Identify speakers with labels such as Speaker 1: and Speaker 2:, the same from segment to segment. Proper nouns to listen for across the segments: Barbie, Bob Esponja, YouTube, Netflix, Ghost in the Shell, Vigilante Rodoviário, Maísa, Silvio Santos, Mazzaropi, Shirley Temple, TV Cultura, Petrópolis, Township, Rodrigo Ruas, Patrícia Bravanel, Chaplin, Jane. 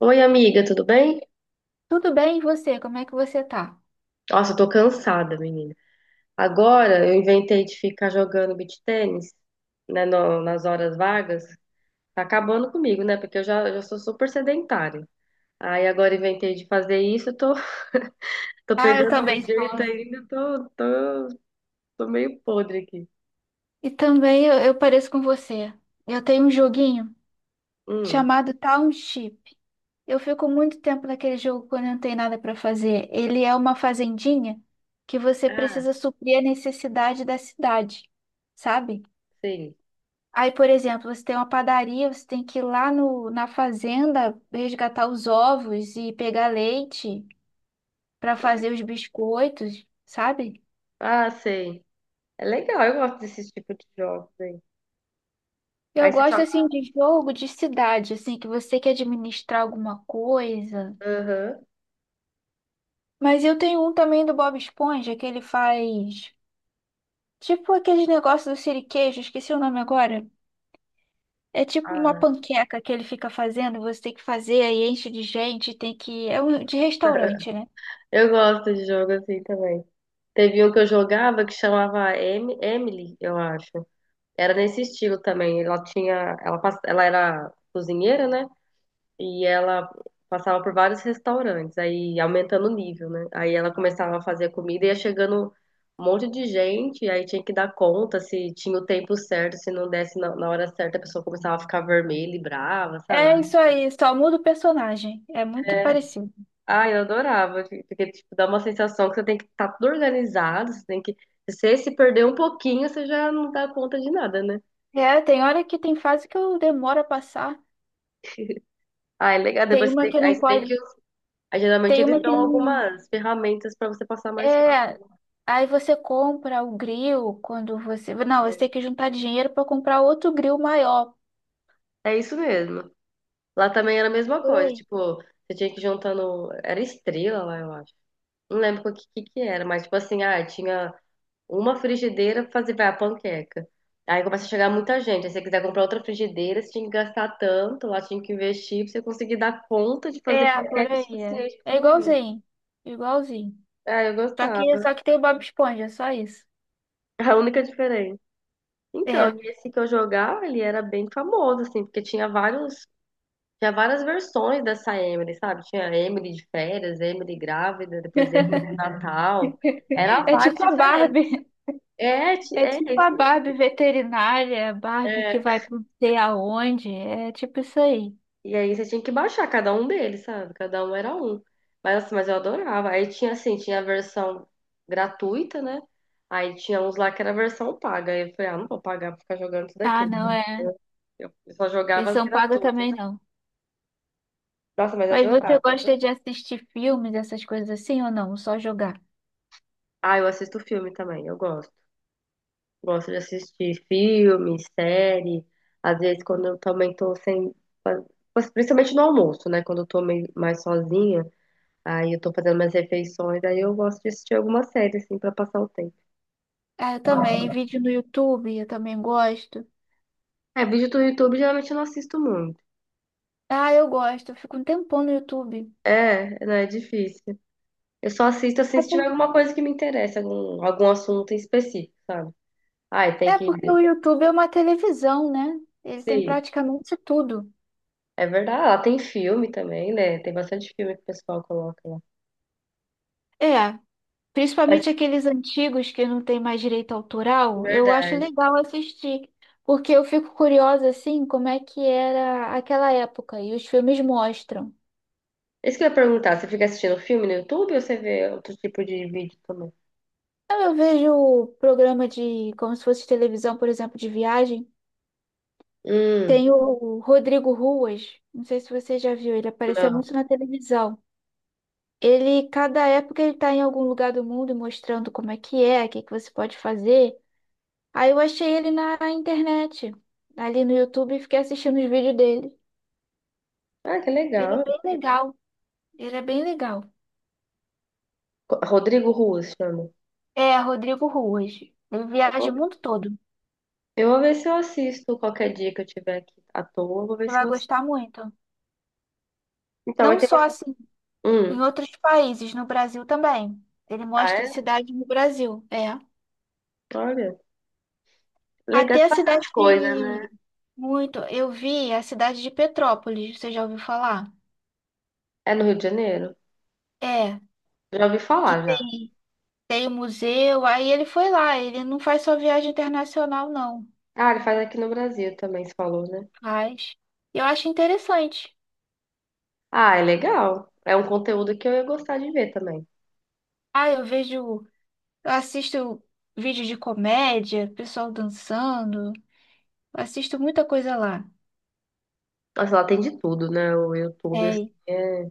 Speaker 1: Oi, amiga, tudo bem?
Speaker 2: Tudo bem, e você? Como é que você tá?
Speaker 1: Nossa, eu tô cansada, menina. Agora eu inventei de ficar jogando beach tênis, né, nas horas vagas. Tá acabando comigo, né? Porque eu já sou super sedentária. Aí agora inventei de fazer isso, eu tô, tô
Speaker 2: Ah, eu
Speaker 1: pegando um
Speaker 2: também estou.
Speaker 1: jeito ainda, tô meio podre aqui.
Speaker 2: E também eu pareço com você. Eu tenho um joguinho
Speaker 1: Hum.
Speaker 2: chamado Township. Eu fico muito tempo naquele jogo quando eu não tenho nada para fazer. Ele é uma fazendinha que você
Speaker 1: Ah,
Speaker 2: precisa suprir a necessidade da cidade, sabe?
Speaker 1: sim.
Speaker 2: Aí, por exemplo, você tem uma padaria, você tem que ir lá no, na fazenda resgatar os ovos e pegar leite para fazer os biscoitos, sabe?
Speaker 1: Ah, sei. É legal, eu gosto desse tipo de jogos aí. Aí
Speaker 2: Eu
Speaker 1: você
Speaker 2: gosto
Speaker 1: joga.
Speaker 2: assim de jogo de cidade, assim, que você quer administrar alguma coisa.
Speaker 1: Aham.
Speaker 2: Mas eu tenho um também do Bob Esponja, que ele faz tipo aqueles negócios do siriquejo, esqueci o nome agora. É tipo uma
Speaker 1: Ah,
Speaker 2: panqueca que ele fica fazendo, você tem que fazer, aí enche de gente, tem que. É um de restaurante, né?
Speaker 1: eu gosto de jogo assim também. Teve um que eu jogava que chamava Emily, eu acho. Era nesse estilo também. Ela tinha, ela, ela era cozinheira, né? E ela passava por vários restaurantes, aí aumentando o nível, né? Aí ela começava a fazer comida e ia chegando um monte de gente, e aí tinha que dar conta se tinha o tempo certo, se não desse na hora certa, a pessoa começava a ficar vermelha e brava,
Speaker 2: É
Speaker 1: sabe?
Speaker 2: isso aí, só muda o personagem. É muito
Speaker 1: É,
Speaker 2: parecido.
Speaker 1: ah, eu adorava, porque tipo, dá uma sensação que você tem que estar tudo organizado, você tem que se você se perder um pouquinho, você já não dá conta de nada, né?
Speaker 2: É, tem hora que tem fase que eu demoro a passar.
Speaker 1: Ah, é legal.
Speaker 2: Tem
Speaker 1: Depois você
Speaker 2: uma
Speaker 1: tem,
Speaker 2: que
Speaker 1: aí
Speaker 2: não
Speaker 1: você tem que.
Speaker 2: pode.
Speaker 1: Aí, geralmente
Speaker 2: Tem
Speaker 1: eles
Speaker 2: uma que
Speaker 1: dão
Speaker 2: não.
Speaker 1: algumas ferramentas para você passar mais fácil.
Speaker 2: É, aí você compra o grill quando você. Não, você tem que juntar dinheiro para comprar outro grill maior.
Speaker 1: É isso mesmo. Lá também era a mesma
Speaker 2: Por
Speaker 1: coisa,
Speaker 2: aí.
Speaker 1: tipo, você tinha que ir juntando. Era estrela lá, eu acho. Não lembro o que, que era, mas tipo assim, ah, tinha. Uma frigideira fazer, vai, a panqueca. Aí começa a chegar muita gente. Aí se você quiser comprar outra frigideira, você tinha que gastar tanto, lá tinha que investir pra você conseguir dar conta de fazer
Speaker 2: É, por
Speaker 1: panqueca o
Speaker 2: aí. É,
Speaker 1: suficiente pra
Speaker 2: é
Speaker 1: todo mundo.
Speaker 2: igualzinho. Igualzinho.
Speaker 1: Ah, eu
Speaker 2: Só que,
Speaker 1: gostava.
Speaker 2: só que tem o Bob Esponja, é só isso.
Speaker 1: A única diferença. Então,
Speaker 2: É.
Speaker 1: e esse que eu jogava, ele era bem famoso, assim, porque tinha vários, tinha várias versões dessa Emily, sabe? Tinha Emily de férias, Emily grávida, depois Emily de Natal. Era
Speaker 2: É
Speaker 1: vários
Speaker 2: tipo a
Speaker 1: diferentes.
Speaker 2: Barbie.
Speaker 1: É,
Speaker 2: É
Speaker 1: é
Speaker 2: tipo
Speaker 1: isso
Speaker 2: a
Speaker 1: mesmo.
Speaker 2: Barbie veterinária, a Barbie que vai pra não sei aonde. É tipo isso aí.
Speaker 1: E aí você tinha que baixar cada um deles, sabe? Cada um era um. Mas assim, mas eu adorava. Aí tinha assim, tinha a versão gratuita, né? Aí tinha uns lá que era a versão paga. Aí eu falei, ah, não vou pagar pra ficar jogando isso daqui,
Speaker 2: Ah,
Speaker 1: né?
Speaker 2: não, é.
Speaker 1: Eu só jogava as
Speaker 2: Versão paga
Speaker 1: gratuitas.
Speaker 2: também não.
Speaker 1: Nossa, mas eu
Speaker 2: Mas você
Speaker 1: adorava.
Speaker 2: gosta de assistir filmes, essas coisas assim ou não? Só jogar?
Speaker 1: Ah, eu assisto filme também, eu gosto. Gosto de assistir filme, série. Às vezes quando eu também tô sem. Principalmente no almoço, né? Quando eu tô mais sozinha. Aí eu tô fazendo minhas refeições, aí eu gosto de assistir alguma série, assim, pra passar o tempo.
Speaker 2: Ah, eu também, vídeo no YouTube, eu também gosto.
Speaker 1: É, vídeo do YouTube geralmente eu não assisto muito.
Speaker 2: Ah, eu gosto, eu fico um tempão no YouTube.
Speaker 1: É, não é difícil. Eu só assisto, assim,
Speaker 2: É,
Speaker 1: se tiver
Speaker 2: por-
Speaker 1: alguma coisa que me interessa, algum, algum assunto em específico, sabe? Ai, tem
Speaker 2: É
Speaker 1: que...
Speaker 2: porque o YouTube é uma televisão, né? Ele tem
Speaker 1: Sim,
Speaker 2: praticamente tudo.
Speaker 1: é verdade. Lá tem filme também, né? Tem bastante filme que o pessoal coloca lá.
Speaker 2: É,
Speaker 1: É
Speaker 2: principalmente aqueles antigos que não tem mais direito autoral, eu acho
Speaker 1: verdade.
Speaker 2: legal assistir, porque eu fico curiosa, assim, como é que era aquela época, e os filmes mostram.
Speaker 1: Isso que eu ia perguntar, você fica assistindo filme no YouTube ou você vê outro tipo de vídeo também?
Speaker 2: Então, eu vejo programa de, como se fosse televisão, por exemplo, de viagem.
Speaker 1: Hum,
Speaker 2: Tem o Rodrigo Ruas, não sei se você já viu, ele apareceu
Speaker 1: não.
Speaker 2: muito na televisão. Ele, cada época, ele está em algum lugar do mundo mostrando como é que é, o que que você pode fazer. Aí eu achei ele na internet, ali no YouTube, e fiquei assistindo os vídeos dele.
Speaker 1: Ah, que
Speaker 2: Ele é
Speaker 1: legal.
Speaker 2: bem legal, ele é bem legal.
Speaker 1: Rodrigo Ruas chama.
Speaker 2: É, Rodrigo Ruas. Ele
Speaker 1: É
Speaker 2: viaja
Speaker 1: bom.
Speaker 2: o mundo todo.
Speaker 1: Eu vou ver se eu assisto qualquer dia que eu tiver aqui à toa. Eu vou ver
Speaker 2: Você
Speaker 1: se
Speaker 2: vai
Speaker 1: eu assisto.
Speaker 2: gostar muito.
Speaker 1: Então, vai
Speaker 2: Não
Speaker 1: ter
Speaker 2: só
Speaker 1: bastante.
Speaker 2: assim,
Speaker 1: Hum.
Speaker 2: em outros países, no Brasil também. Ele
Speaker 1: Ah,
Speaker 2: mostra
Speaker 1: é?
Speaker 2: cidades no Brasil. É.
Speaker 1: Olha. Legal,
Speaker 2: Até
Speaker 1: tem
Speaker 2: a cidade
Speaker 1: bastante coisa,
Speaker 2: de...
Speaker 1: né?
Speaker 2: Muito. Eu vi a cidade de Petrópolis, você já ouviu falar?
Speaker 1: É no Rio de Janeiro?
Speaker 2: É,
Speaker 1: Já ouvi
Speaker 2: que
Speaker 1: falar,
Speaker 2: tem,
Speaker 1: já.
Speaker 2: tem o museu, aí ele foi lá, ele não faz só viagem internacional, não.
Speaker 1: Ah, ele faz aqui no Brasil também, se falou, né?
Speaker 2: Faz. Eu acho interessante.
Speaker 1: Ah, é legal. É um conteúdo que eu ia gostar de ver também.
Speaker 2: Ah, eu vejo, eu assisto vídeo de comédia, pessoal dançando. Eu assisto muita coisa lá.
Speaker 1: Nossa, lá tem de tudo, né? O YouTube, assim,
Speaker 2: É.
Speaker 1: é...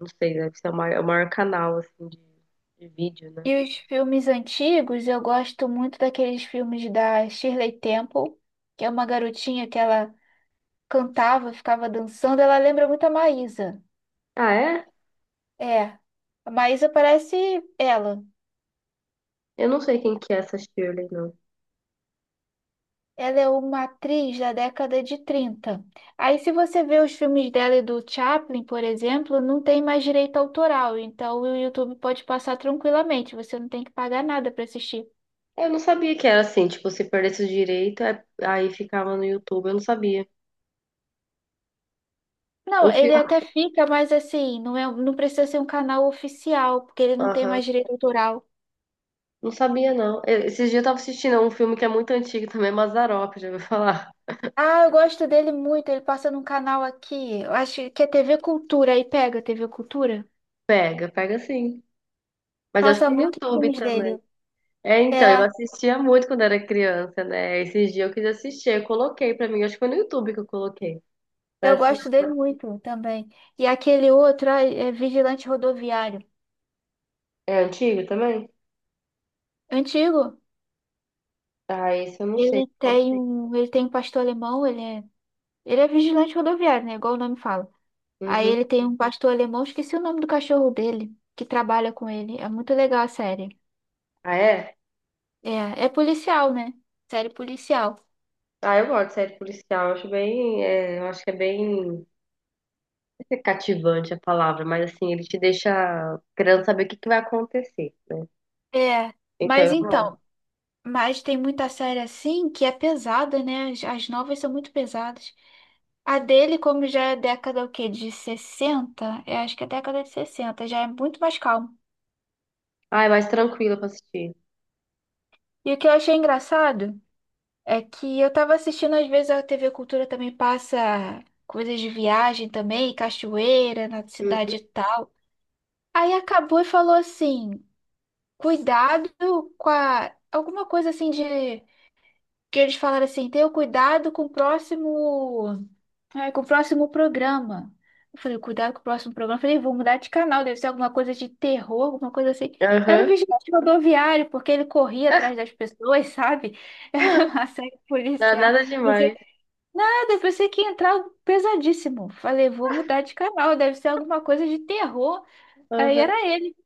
Speaker 1: Não sei, deve ser o maior, é o maior canal, assim, de vídeo, né?
Speaker 2: E os filmes antigos, eu gosto muito daqueles filmes da Shirley Temple, que é uma garotinha que ela cantava, ficava dançando, ela lembra muito a Maísa.
Speaker 1: Ah, é?
Speaker 2: É, a Maísa parece ela.
Speaker 1: Eu não sei quem que é essa Shirley, não.
Speaker 2: Ela é uma atriz da década de 30. Aí, se você vê os filmes dela e do Chaplin, por exemplo, não tem mais direito autoral, então o YouTube pode passar tranquilamente, você não tem que pagar nada para assistir.
Speaker 1: Eu não sabia que era assim, tipo, se perdesse o direito, aí ficava no YouTube, eu não sabia.
Speaker 2: Não,
Speaker 1: Um filme,
Speaker 2: ele até fica, mas assim, não é, não precisa ser um canal oficial, porque ele não tem
Speaker 1: aham,
Speaker 2: mais direito autoral.
Speaker 1: não sabia não. Esses dias eu tava assistindo um filme que é muito antigo também, é Mazzaropi, já ouviu falar?
Speaker 2: Ah, eu gosto dele muito. Ele passa num canal aqui. Eu acho que é TV Cultura. Aí pega TV Cultura.
Speaker 1: Pega, pega sim. Mas acho que
Speaker 2: Passa
Speaker 1: tem no
Speaker 2: muitos
Speaker 1: YouTube
Speaker 2: filmes
Speaker 1: também.
Speaker 2: dele.
Speaker 1: É, então, eu
Speaker 2: É,
Speaker 1: assistia muito quando era criança, né? Esses dias eu quis assistir, eu coloquei pra mim, acho que foi no YouTube que eu coloquei. Pra
Speaker 2: eu gosto
Speaker 1: assistir.
Speaker 2: dele muito também. E aquele outro, ai, é Vigilante Rodoviário.
Speaker 1: É antigo também?
Speaker 2: Antigo.
Speaker 1: Ah, esse eu não sei
Speaker 2: Ele
Speaker 1: qual que
Speaker 2: tem um, ele tem um pastor alemão, ele é vigilante rodoviário, né? Igual o nome fala.
Speaker 1: é.
Speaker 2: Aí
Speaker 1: Uhum.
Speaker 2: ele tem um pastor alemão, esqueci o nome do cachorro dele, que trabalha com ele. É muito legal a série.
Speaker 1: Ah, é?
Speaker 2: É, é policial, né? Série policial.
Speaker 1: Ah, eu gosto de série policial, eu acho bem, é, eu acho que é bem é cativante a palavra, mas assim, ele te deixa querendo saber o que vai acontecer.
Speaker 2: É,
Speaker 1: Então
Speaker 2: mas
Speaker 1: eu
Speaker 2: então,
Speaker 1: vou.
Speaker 2: mas tem muita série assim que é pesada, né? As novas são muito pesadas. A dele, como já é década o quê? De sessenta. Eu acho que é década de 60, já é muito mais calmo.
Speaker 1: Ah, é mais tranquila pra assistir.
Speaker 2: E o que eu achei engraçado é que eu tava assistindo, às vezes a TV Cultura também passa coisas de viagem também, cachoeira na
Speaker 1: Uhum.
Speaker 2: cidade e tal. Aí acabou e falou assim: cuidado com a. Alguma coisa assim de. Que eles falaram assim: tenha cuidado com o próximo. Ai, com o próximo programa. Eu falei, cuidado com o próximo programa. Eu falei, vou mudar de canal, deve ser alguma coisa de terror, alguma coisa assim. Era o
Speaker 1: Aham.
Speaker 2: vigilante rodoviário, porque ele corria atrás das pessoas, sabe? Era uma série
Speaker 1: Não,
Speaker 2: policial.
Speaker 1: nada
Speaker 2: Pensei,
Speaker 1: demais.
Speaker 2: ah, eu pensei que ia entrar algo pesadíssimo. Falei, vou mudar de canal, deve ser alguma coisa de terror. Aí era
Speaker 1: Aham.
Speaker 2: ele.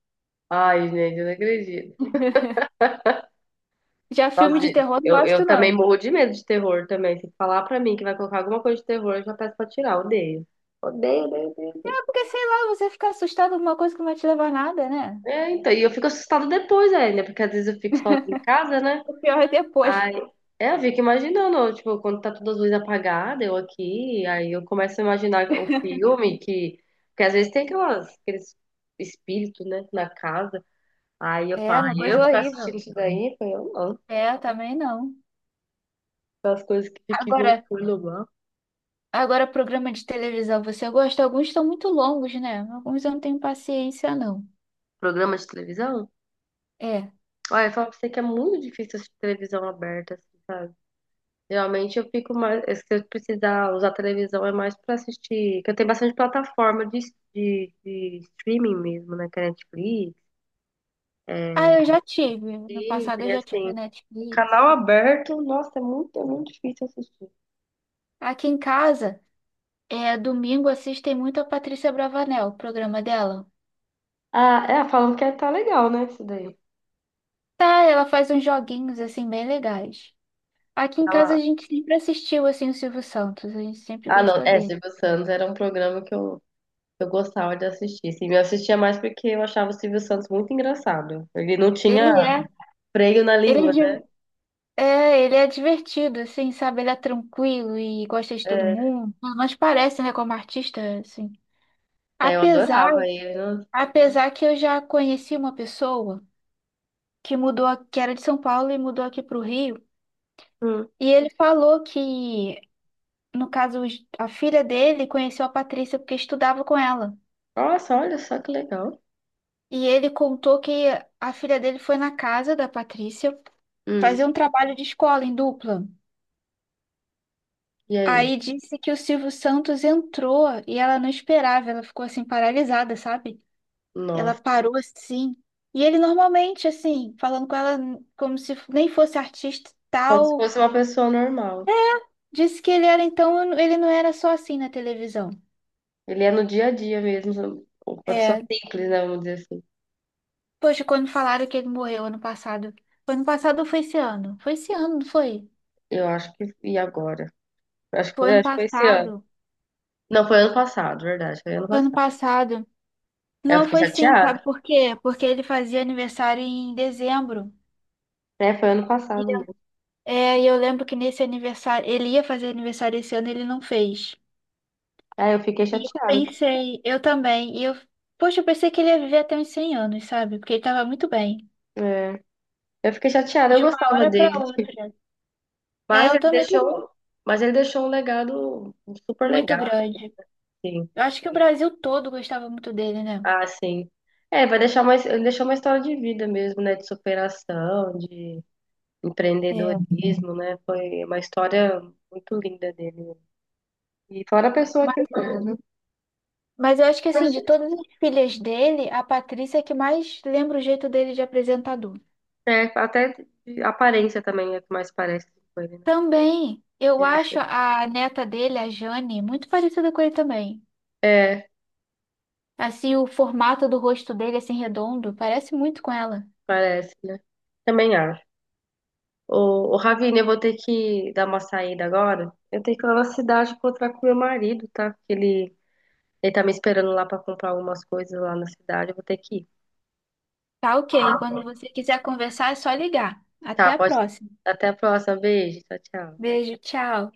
Speaker 1: Ai, gente, eu não acredito.
Speaker 2: Já
Speaker 1: Nossa,
Speaker 2: filme de terror não
Speaker 1: eu
Speaker 2: gosto,
Speaker 1: também
Speaker 2: não.
Speaker 1: morro de medo de terror também. Se falar pra mim que vai colocar alguma coisa de terror, eu já peço pra tirar. Odeio. Odeio, odeio, odeio, odeio.
Speaker 2: É porque, sei lá, você fica assustado com alguma coisa que não vai te levar a nada, né?
Speaker 1: É, então, e eu fico assustada depois ainda, porque às vezes eu fico sozinha em casa, né?
Speaker 2: O pior é depois.
Speaker 1: Aí, é, eu fico imaginando, tipo, quando tá todas as luzes apagadas, eu aqui, aí eu começo a imaginar o filme que às vezes tem aquelas, aqueles espíritos, né, na casa. Aí eu
Speaker 2: É,
Speaker 1: falo,
Speaker 2: uma
Speaker 1: aí eu
Speaker 2: coisa
Speaker 1: ficar
Speaker 2: horrível.
Speaker 1: assistindo isso daí, eu falo, eu não,
Speaker 2: É, eu também não.
Speaker 1: aquelas coisas que ficam
Speaker 2: Agora,
Speaker 1: loucura lá.
Speaker 2: Agora, programa de televisão, você gosta? Alguns estão muito longos, né? Alguns eu não tenho paciência, não.
Speaker 1: Programa de televisão?
Speaker 2: É.
Speaker 1: Olha, eu falo pra você que é muito difícil assistir televisão aberta, assim, sabe? Geralmente eu fico mais, se eu precisar usar televisão é mais pra assistir, que eu tenho bastante plataforma de, de streaming mesmo, né, que é Netflix,
Speaker 2: Ah,
Speaker 1: E,
Speaker 2: eu já tive. No
Speaker 1: e,
Speaker 2: passado eu já tive
Speaker 1: assim,
Speaker 2: Netflix.
Speaker 1: canal aberto, nossa, é muito difícil assistir.
Speaker 2: Aqui em casa, é, domingo assistem muito a Patrícia Bravanel, o programa dela.
Speaker 1: Ah, é, falam que tá legal, né, isso daí.
Speaker 2: Tá, ela faz uns joguinhos, assim, bem legais. Aqui em casa a
Speaker 1: Ela-
Speaker 2: gente sempre assistiu, assim, o Silvio Santos. A gente sempre
Speaker 1: ah, não,
Speaker 2: gostou
Speaker 1: é,
Speaker 2: dele.
Speaker 1: Silvio Santos era um programa que eu gostava de assistir. Sim, eu assistia mais porque eu achava o Silvio Santos muito engraçado. Ele não tinha
Speaker 2: Ele é,
Speaker 1: freio na
Speaker 2: ele é,
Speaker 1: língua, né?
Speaker 2: di- É, ele é divertido, assim, sabe? Ele é tranquilo e gosta de todo
Speaker 1: É,
Speaker 2: mundo. Mas parece, né, como artista, assim.
Speaker 1: é, eu
Speaker 2: Apesar,
Speaker 1: adorava ele. Não-
Speaker 2: Apesar que eu já conheci uma pessoa que mudou, que era de São Paulo e mudou aqui para o Rio,
Speaker 1: hum.
Speaker 2: e ele falou que, no caso, a filha dele conheceu a Patrícia porque estudava com ela.
Speaker 1: Nossa, olha só que legal.
Speaker 2: E ele contou que a filha dele foi na casa da Patrícia
Speaker 1: Hum.
Speaker 2: fazer um trabalho de escola em dupla.
Speaker 1: E aí?
Speaker 2: Aí disse que o Silvio Santos entrou e ela não esperava, ela ficou assim paralisada, sabe? Ela
Speaker 1: Nossa,
Speaker 2: parou assim. E ele normalmente, assim, falando com ela como se nem fosse artista e
Speaker 1: como se
Speaker 2: tal,
Speaker 1: fosse uma pessoa normal.
Speaker 2: disse que ele era, então, ele não era só assim na televisão.
Speaker 1: Ele é no dia a dia mesmo, uma pessoa
Speaker 2: É,
Speaker 1: simples, né, vamos dizer assim.
Speaker 2: poxa, quando falaram que ele morreu ano passado. Foi ano passado ou foi esse ano? Foi esse ano, não foi?
Speaker 1: Eu acho que. E agora?
Speaker 2: Foi ano
Speaker 1: Acho que foi esse ano.
Speaker 2: passado.
Speaker 1: Não, foi ano passado, verdade. Foi ano
Speaker 2: Foi ano
Speaker 1: passado.
Speaker 2: passado.
Speaker 1: Aí eu
Speaker 2: Não,
Speaker 1: fiquei
Speaker 2: foi sim, sabe
Speaker 1: chateada.
Speaker 2: por quê? Porque ele fazia aniversário em dezembro.
Speaker 1: É, foi ano
Speaker 2: E
Speaker 1: passado
Speaker 2: eu-
Speaker 1: mesmo.
Speaker 2: É, e eu lembro que nesse aniversário, ele ia fazer aniversário esse ano, e ele não fez.
Speaker 1: Aí eu fiquei
Speaker 2: E eu
Speaker 1: chateada.
Speaker 2: pensei, eu também, poxa, eu pensei que ele ia viver até uns 100 anos, sabe? Porque ele tava muito bem.
Speaker 1: É. Eu fiquei chateada, eu
Speaker 2: De uma
Speaker 1: gostava
Speaker 2: hora pra
Speaker 1: dele.
Speaker 2: outra. É,
Speaker 1: Mas
Speaker 2: eu
Speaker 1: ele
Speaker 2: também tô
Speaker 1: deixou. Mas ele deixou um legado super
Speaker 2: muito
Speaker 1: legal,
Speaker 2: grande.
Speaker 1: assim.
Speaker 2: Eu acho que o Brasil todo gostava muito dele, né?
Speaker 1: Ah, sim. É, vai deixar mais ele deixou uma história de vida mesmo, né? De superação, de
Speaker 2: É.
Speaker 1: empreendedorismo, né? Foi uma história muito linda dele. E fora a pessoa que ele
Speaker 2: Mas,
Speaker 1: foi,
Speaker 2: mas eu acho que,
Speaker 1: né?
Speaker 2: assim, de todas as filhas dele, a Patrícia é que mais lembra o jeito dele de apresentador.
Speaker 1: É, até a aparência também é que mais parece com ele, né?
Speaker 2: Também, eu acho a neta dele, a Jane, muito parecida com ele também.
Speaker 1: É, é,
Speaker 2: Assim, o formato do rosto dele, assim, redondo, parece muito com ela.
Speaker 1: parece, né? Também acho. Ô, ô Ravine, eu vou ter que dar uma saída agora. Eu tenho que ir lá na cidade encontrar com meu marido, tá? Porque ele tá me esperando lá pra comprar algumas coisas lá na cidade. Eu vou ter que ir.
Speaker 2: Tá, ok. Quando você quiser conversar, é só ligar. Até
Speaker 1: Tá,
Speaker 2: a
Speaker 1: pode.
Speaker 2: próxima.
Speaker 1: Até a próxima. Beijo. Tchau, tchau.
Speaker 2: Beijo, tchau.